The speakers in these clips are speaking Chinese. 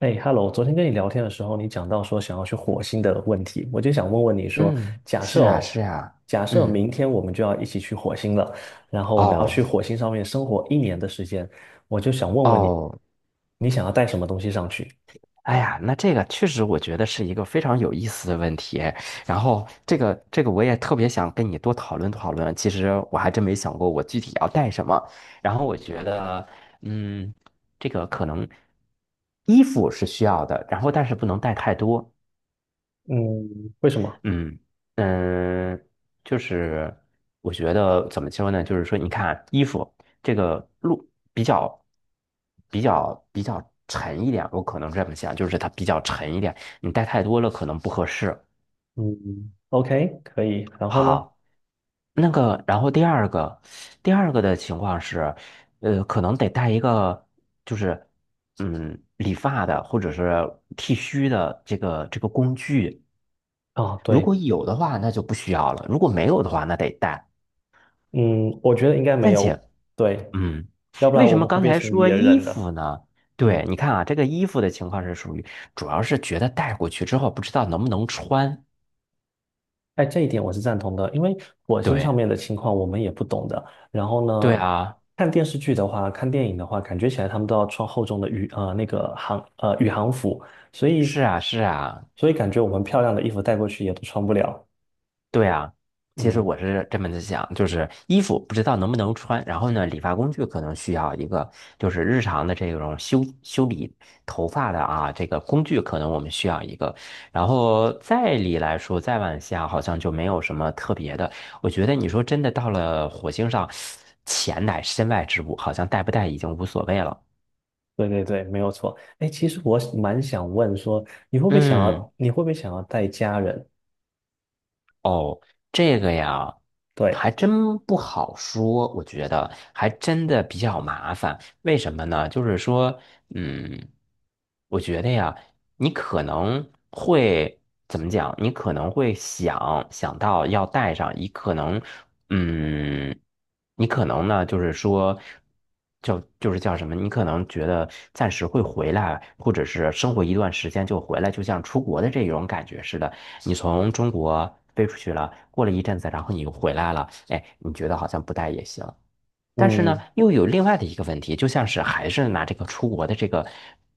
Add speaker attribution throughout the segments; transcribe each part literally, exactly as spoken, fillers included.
Speaker 1: 哎，Hello，昨天跟你聊天的时候，你讲到说想要去火星的问题，我就想问问你说，
Speaker 2: 嗯，
Speaker 1: 假设
Speaker 2: 是啊，
Speaker 1: 哦，
Speaker 2: 是啊，
Speaker 1: 假设
Speaker 2: 嗯，
Speaker 1: 明天我们就要一起去火星了，然后我们要去
Speaker 2: 哦，
Speaker 1: 火星上面生活一年的时间，我就想问问你，
Speaker 2: 哦，
Speaker 1: 你想要带什么东西上去？
Speaker 2: 哎呀，那这个确实我觉得是一个非常有意思的问题。然后这个这个我也特别想跟你多讨论讨论。其实我还真没想过我具体要带什么。然后我觉得，嗯，这个可能衣服是需要的，然后但是不能带太多。
Speaker 1: 嗯，为什么？
Speaker 2: 嗯嗯，就是我觉得怎么说呢？就是说，你看衣服这个路比较比较比较沉一点，我可能这么想，就是它比较沉一点，你带太多了可能不合适。
Speaker 1: 嗯，OK，可以。然后呢？
Speaker 2: 好，那个，然后第二个，第二个的情况是，呃，可能得带一个，就是嗯，理发的或者是剃须的这个这个工具。
Speaker 1: 啊，
Speaker 2: 如
Speaker 1: 对，
Speaker 2: 果有的话，那就不需要了；如果没有的话，那得带。
Speaker 1: 嗯，我觉得应该没
Speaker 2: 但
Speaker 1: 有，
Speaker 2: 且，
Speaker 1: 对，
Speaker 2: 嗯，
Speaker 1: 要不
Speaker 2: 为
Speaker 1: 然
Speaker 2: 什
Speaker 1: 我
Speaker 2: 么
Speaker 1: 们会
Speaker 2: 刚
Speaker 1: 变
Speaker 2: 才
Speaker 1: 成
Speaker 2: 说
Speaker 1: 野
Speaker 2: 衣
Speaker 1: 人的。
Speaker 2: 服呢？
Speaker 1: 嗯。
Speaker 2: 对，你看啊，这个衣服的情况是属于，主要是觉得带过去之后不知道能不能穿。
Speaker 1: 哎，这一点我是赞同的，因为火星上
Speaker 2: 对，
Speaker 1: 面的情况我们也不懂的。然后
Speaker 2: 对
Speaker 1: 呢，
Speaker 2: 啊，
Speaker 1: 看电视剧的话，看电影的话，感觉起来他们都要穿厚重的宇呃那个航呃宇航服，所以
Speaker 2: 是啊，是啊，
Speaker 1: 所以感觉我们漂亮的衣服带过去也都穿不了。
Speaker 2: 对啊，其实
Speaker 1: 嗯，
Speaker 2: 我是这么的想，就是衣服不知道能不能穿，然后呢，理发工具可能需要一个，就是日常的这种修修理头发的啊，这个工具可能我们需要一个，然后再理来说，再往下好像就没有什么特别的。我觉得你说真的到了火星上，钱乃身外之物，好像带不带已经无所谓了。
Speaker 1: 对对对，没有错。哎，其实我蛮想问说，你会不会想
Speaker 2: 嗯。
Speaker 1: 要你会不会想要带家人？
Speaker 2: 哦，这个呀，
Speaker 1: 对，
Speaker 2: 还真不好说，我觉得还真的比较麻烦。为什么呢？就是说，嗯，我觉得呀，你可能会怎么讲？你可能会想想到要带上，你可能嗯，你可能呢，就是说，叫就是叫什么？你可能觉得暂时会回来，或者是生活一段时间就回来，就像出国的这种感觉似的。你从中国飞出去了，过了一阵子，然后你又回来了，哎，你觉得好像不带也行。但是呢，
Speaker 1: 嗯
Speaker 2: 又有另外的一个问题，就像是还是拿这个出国的这个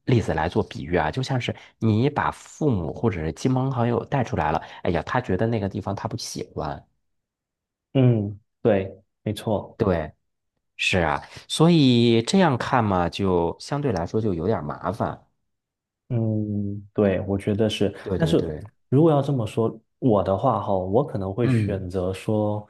Speaker 2: 例子来做比喻啊，就像是你把父母或者是亲朋好友带出来了，哎呀，他觉得那个地方他不喜欢。
Speaker 1: 嗯，对，没错。
Speaker 2: 对，是啊，所以这样看嘛，就相对来说就有点儿麻烦。
Speaker 1: 嗯，对，我觉得是。
Speaker 2: 对
Speaker 1: 但
Speaker 2: 对
Speaker 1: 是
Speaker 2: 对，
Speaker 1: 如果要这么说，我的话哈，我可能会选
Speaker 2: 嗯
Speaker 1: 择说，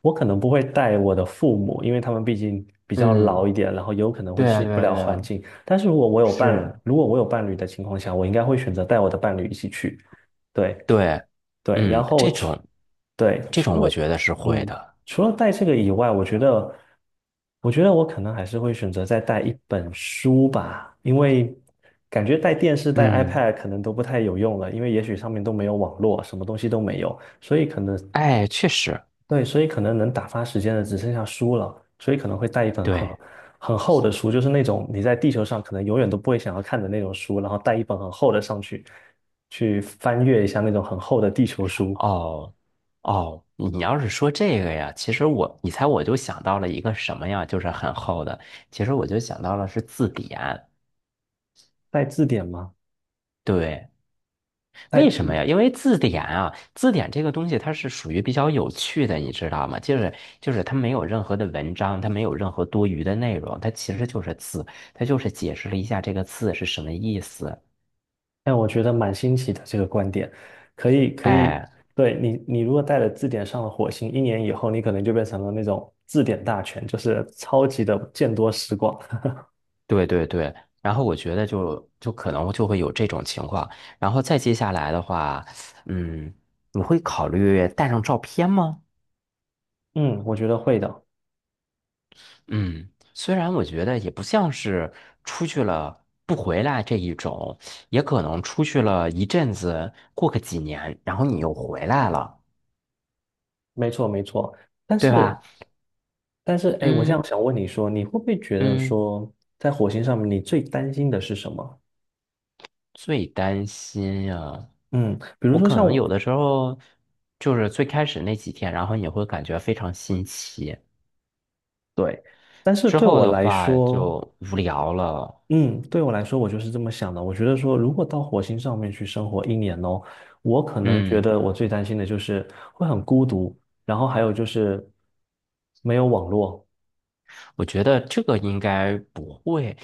Speaker 1: 我可能不会带我的父母，因为他们毕竟比较老
Speaker 2: 嗯，
Speaker 1: 一点，然后有可能会
Speaker 2: 对啊
Speaker 1: 适应
Speaker 2: 对
Speaker 1: 不
Speaker 2: 啊
Speaker 1: 了
Speaker 2: 对
Speaker 1: 环
Speaker 2: 啊，
Speaker 1: 境。但是如果我有伴，
Speaker 2: 是，
Speaker 1: 如果我有伴侣的情况下，我应该会选择带我的伴侣一起去。对，
Speaker 2: 对，
Speaker 1: 对，
Speaker 2: 嗯，
Speaker 1: 然后
Speaker 2: 这
Speaker 1: 除
Speaker 2: 种
Speaker 1: 对
Speaker 2: 这
Speaker 1: 除
Speaker 2: 种我
Speaker 1: 了
Speaker 2: 觉得是会
Speaker 1: 嗯
Speaker 2: 的。
Speaker 1: 除了带这个以外，我觉得我觉得我可能还是会选择再带一本书吧，因为感觉带电视、带
Speaker 2: 嗯，
Speaker 1: iPad 可能都不太有用了，因为也许上面都没有网络，什么东西都没有，所以可能
Speaker 2: 哎，确实，
Speaker 1: 对，所以可能能打发时间的只剩下书了，所以可能会带一本很
Speaker 2: 对，
Speaker 1: 很厚的书，就是那种你在地球上可能永远都不会想要看的那种书，然后带一本很厚的上去，去翻阅一下那种很厚的地球书。
Speaker 2: 哦哦，你要是说这个呀，其实我，你猜我就想到了一个什么呀，就是很厚的，其实我就想到了是字典。
Speaker 1: 带字典吗？
Speaker 2: 对，
Speaker 1: 带，
Speaker 2: 为什么呀？因为字典啊，字典这个东西它是属于比较有趣的，你知道吗？就是就是它没有任何的文章，它没有任何多余的内容，它其实就是字，它就是解释了一下这个字是什么意思。
Speaker 1: 但我觉得蛮新奇的这个观点，可以可以，
Speaker 2: 哎，
Speaker 1: 对，你你如果带了字典上了火星，一年以后你可能就变成了那种字典大全，就是超级的见多识广。
Speaker 2: 对对对。然后我觉得就就可能就会有这种情况。然后再接下来的话，嗯，你会考虑带上照片吗？
Speaker 1: 嗯，我觉得会的，
Speaker 2: 嗯，虽然我觉得也不像是出去了不回来这一种，也可能出去了一阵子，过个几年，然后你又回来了，
Speaker 1: 没错没错。但
Speaker 2: 对
Speaker 1: 是
Speaker 2: 吧？
Speaker 1: 但是，哎，我这样
Speaker 2: 嗯
Speaker 1: 想问你说，你会不会觉得
Speaker 2: 嗯，
Speaker 1: 说，在火星上面你最担心的是什么？
Speaker 2: 最担心呀，
Speaker 1: 嗯，比如
Speaker 2: 我
Speaker 1: 说
Speaker 2: 可
Speaker 1: 像
Speaker 2: 能
Speaker 1: 我，
Speaker 2: 有的时候就是最开始那几天，然后你会感觉非常新奇，
Speaker 1: 对，但是
Speaker 2: 之
Speaker 1: 对
Speaker 2: 后
Speaker 1: 我
Speaker 2: 的
Speaker 1: 来
Speaker 2: 话
Speaker 1: 说。
Speaker 2: 就无聊了。
Speaker 1: 嗯，对我来说，我就是这么想的。我觉得说，如果到火星上面去生活一年哦，我可能觉
Speaker 2: 嗯。
Speaker 1: 得我最担心的就是会很孤独，然后还有就是没有网络。
Speaker 2: 我觉得这个应该不会，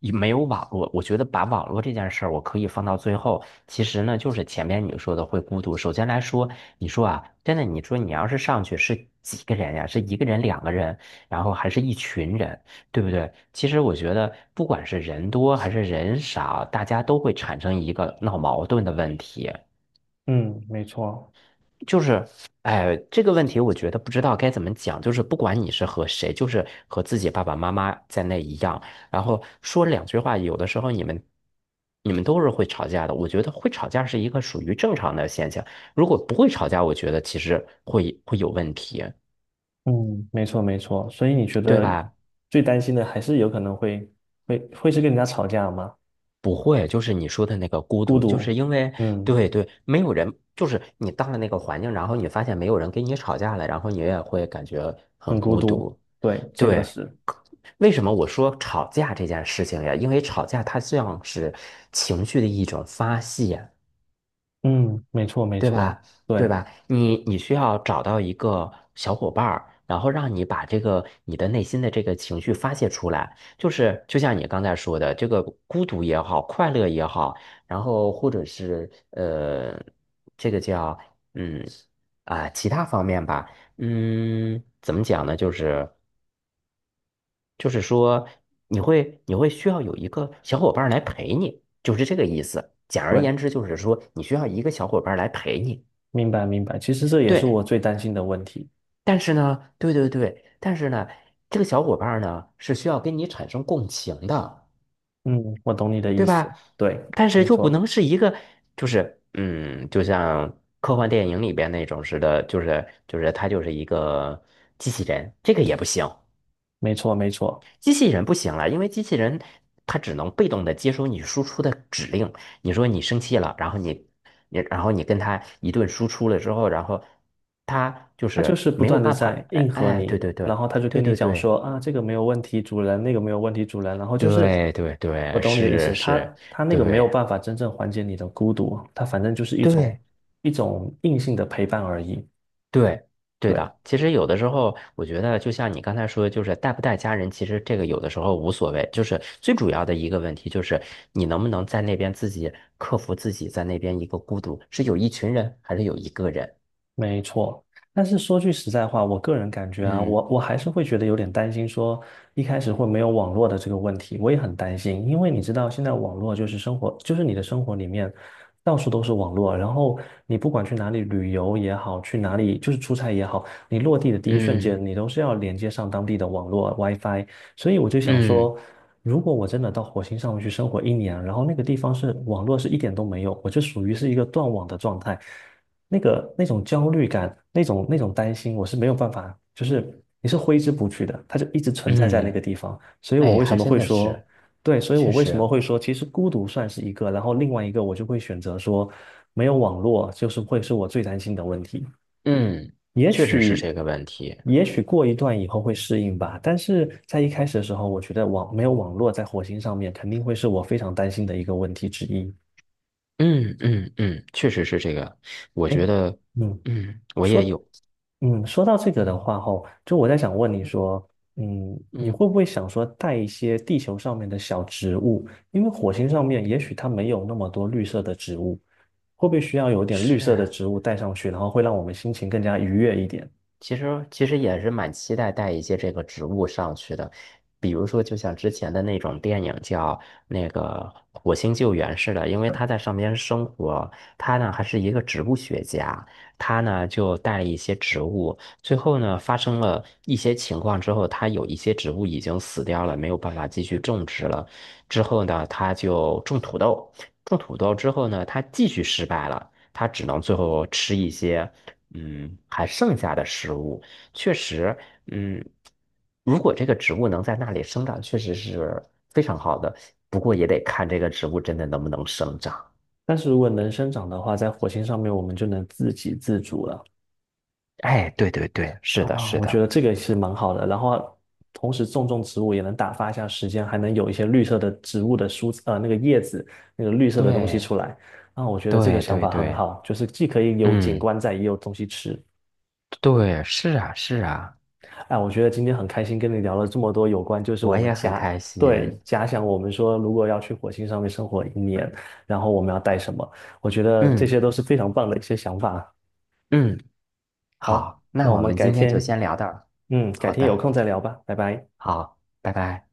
Speaker 2: 也没有网络。我觉得把网络这件事儿，我可以放到最后。其实呢，就是前面你说的会孤独。首先来说，你说啊，真的，你说你要是上去是几个人呀？是一个人、两个人，然后还是一群人，对不对？其实我觉得，不管是人多还是人少，大家都会产生一个闹矛盾的问题。
Speaker 1: 嗯，没错，
Speaker 2: 就是，哎，这个问题我觉得不知道该怎么讲。就是不管你是和谁，就是和自己爸爸妈妈在那一样，然后说两句话，有的时候你们你们都是会吵架的。我觉得会吵架是一个属于正常的现象。如果不会吵架，我觉得其实会会有问题，
Speaker 1: 嗯，没错，没错。所以你觉
Speaker 2: 对
Speaker 1: 得
Speaker 2: 吧？
Speaker 1: 最担心的还是有可能会会会是跟人家吵架吗？
Speaker 2: 不会，就是你说的那个孤
Speaker 1: 孤
Speaker 2: 独，就是
Speaker 1: 独，
Speaker 2: 因为
Speaker 1: 嗯，
Speaker 2: 对对，没有人，就是你到了那个环境，然后你发现没有人跟你吵架了，然后你也会感觉很
Speaker 1: 很孤
Speaker 2: 孤
Speaker 1: 独。
Speaker 2: 独。
Speaker 1: 对，这个
Speaker 2: 对，
Speaker 1: 是，
Speaker 2: 为什么我说吵架这件事情呀？因为吵架它像是情绪的一种发泄，
Speaker 1: 嗯，没错，没
Speaker 2: 对
Speaker 1: 错，
Speaker 2: 吧？对
Speaker 1: 对
Speaker 2: 吧？你你需要找到一个小伙伴儿，然后让你把这个你的内心的这个情绪发泄出来。就是就像你刚才说的，这个孤独也好，快乐也好，然后或者是呃，这个叫嗯啊、其他方面吧。嗯，怎么讲呢？就是。就是说你会你会需要有一个小伙伴儿来陪你，就是这个意思。简而
Speaker 1: 对，
Speaker 2: 言之，就是说你需要一个小伙伴儿来陪你。
Speaker 1: 明白明白。其实这也是我
Speaker 2: 对，
Speaker 1: 最担心的问题。
Speaker 2: 但是呢，对对对，但是呢，这个小伙伴儿呢是需要跟你产生共情的，
Speaker 1: 嗯，我懂你的意
Speaker 2: 对
Speaker 1: 思，
Speaker 2: 吧？
Speaker 1: 对，
Speaker 2: 但是
Speaker 1: 没
Speaker 2: 就不
Speaker 1: 错，
Speaker 2: 能是一个，就是嗯，就像科幻电影里边那种似的，就是就是他就是一个机器人，这个也不行。
Speaker 1: 没错，没错，
Speaker 2: 机器人不行了，因为机器人它只能被动的接收你输出的指令。你说你生气了，然后你你然后你跟它一顿输出了之后，然后它就
Speaker 1: 他就
Speaker 2: 是
Speaker 1: 是不
Speaker 2: 没有
Speaker 1: 断的
Speaker 2: 办法，
Speaker 1: 在迎
Speaker 2: 哎
Speaker 1: 合
Speaker 2: 哎，对
Speaker 1: 你，
Speaker 2: 对
Speaker 1: 然
Speaker 2: 对
Speaker 1: 后他就跟
Speaker 2: 对
Speaker 1: 你
Speaker 2: 对
Speaker 1: 讲
Speaker 2: 对
Speaker 1: 说啊，这个没有问题，主人，那个没有问题，主人，然后就是
Speaker 2: 对对
Speaker 1: 我
Speaker 2: 对，
Speaker 1: 懂你的意
Speaker 2: 是
Speaker 1: 思，
Speaker 2: 是，
Speaker 1: 他他那个没有
Speaker 2: 对
Speaker 1: 办法真正缓解你的孤独，他反正就是一种
Speaker 2: 对。
Speaker 1: 一种硬性的陪伴而已，
Speaker 2: 对，对
Speaker 1: 对，
Speaker 2: 的。其实有的时候，我觉得就像你刚才说的，就是带不带家人，其实这个有的时候无所谓。就是最主要的一个问题，就是你能不能在那边自己克服自己在那边一个孤独，是有一群人还是有一个人？
Speaker 1: 没错，但是说句实在话，我个人感觉啊，
Speaker 2: 嗯
Speaker 1: 我我还是会觉得有点担心，说一开始会没有网络的这个问题，我也很担心，因为你知道现在网络就是生活，就是你的生活里面到处都是网络，然后你不管去哪里旅游也好，去哪里就是出差也好，你落地的第一瞬
Speaker 2: 嗯
Speaker 1: 间，你都是要连接上当地的网络 WiFi，所以我就想
Speaker 2: 嗯
Speaker 1: 说，如果我真的到火星上面去生活一年，然后那个地方是网络是一点都没有，我就属于是一个断网的状态。那个那种焦虑感，那种那种担心，我是没有办法，就是你是挥之不去的，它就一直存在在那
Speaker 2: 嗯，
Speaker 1: 个地方。所以我
Speaker 2: 哎，
Speaker 1: 为什
Speaker 2: 还
Speaker 1: 么
Speaker 2: 真
Speaker 1: 会
Speaker 2: 的
Speaker 1: 说，
Speaker 2: 是，
Speaker 1: 对，所以我
Speaker 2: 确
Speaker 1: 为什么
Speaker 2: 实，
Speaker 1: 会说，其实孤独算是一个，然后另外一个我就会选择说，没有网络就是会是我最担心的问题。
Speaker 2: 嗯，
Speaker 1: 也
Speaker 2: 确实是
Speaker 1: 许，
Speaker 2: 这个问题。
Speaker 1: 也许过一段以后会适应吧，但是在一开始的时候，我觉得网没有网络在火星上面肯定会是我非常担心的一个问题之一。
Speaker 2: 嗯嗯嗯，确实是这个。我
Speaker 1: 哎，
Speaker 2: 觉得，
Speaker 1: 嗯，
Speaker 2: 嗯，我也
Speaker 1: 说。
Speaker 2: 有，
Speaker 1: 嗯，说到这个的
Speaker 2: 嗯
Speaker 1: 话，吼，就我在想问你
Speaker 2: 嗯
Speaker 1: 说，嗯，你
Speaker 2: 嗯，
Speaker 1: 会不会想说带一些地球上面的小植物？因为火星上面也许它没有那么多绿色的植物，会不会需要有点绿色的
Speaker 2: 是。
Speaker 1: 植物带上去，然后会让我们心情更加愉悦一点？
Speaker 2: 其实其实也是蛮期待带一些这个植物上去的，比如说就像之前的那种电影叫那个《火星救援》似的，因为他在上边生活，他呢还是一个植物学家，他呢就带了一些植物，最后呢发生了一些情况之后，他有一些植物已经死掉了，没有办法继续种植了，之后呢他就种土豆，种土豆之后呢他继续失败了。他只能最后吃一些，嗯，还剩下的食物。确实，嗯，如果这个植物能在那里生长，确实是非常好的。不过也得看这个植物真的能不能生长。
Speaker 1: 但是如果能生长的话，在火星上面我们就能自给自足了。
Speaker 2: 哎，对对对，是的，
Speaker 1: 啊，
Speaker 2: 是
Speaker 1: 我觉
Speaker 2: 的，
Speaker 1: 得这个是蛮好的。然后同时种种植物也能打发一下时间，还能有一些绿色的植物的蔬，呃，那个叶子，那个绿色的东西
Speaker 2: 对，
Speaker 1: 出来。啊，我觉得这个
Speaker 2: 对
Speaker 1: 想
Speaker 2: 对
Speaker 1: 法很
Speaker 2: 对，
Speaker 1: 好，就是既可以有景
Speaker 2: 嗯，
Speaker 1: 观在，也有东西吃。
Speaker 2: 对，是啊，是啊，
Speaker 1: 哎，我觉得今天很开心跟你聊了这么多有关，就是我
Speaker 2: 我
Speaker 1: 们
Speaker 2: 也很
Speaker 1: 家，
Speaker 2: 开
Speaker 1: 对，
Speaker 2: 心。
Speaker 1: 假想我们说如果要去火星上面生活一年，然后我们要带什么？我觉得这
Speaker 2: 嗯
Speaker 1: 些都是非常棒的一些想法。
Speaker 2: 嗯，
Speaker 1: 好，
Speaker 2: 好，那
Speaker 1: 那我
Speaker 2: 我
Speaker 1: 们
Speaker 2: 们
Speaker 1: 改
Speaker 2: 今天就
Speaker 1: 天，
Speaker 2: 先聊到这儿。
Speaker 1: 嗯，改
Speaker 2: 好
Speaker 1: 天有
Speaker 2: 的。
Speaker 1: 空再聊吧，拜拜。
Speaker 2: 好，拜拜。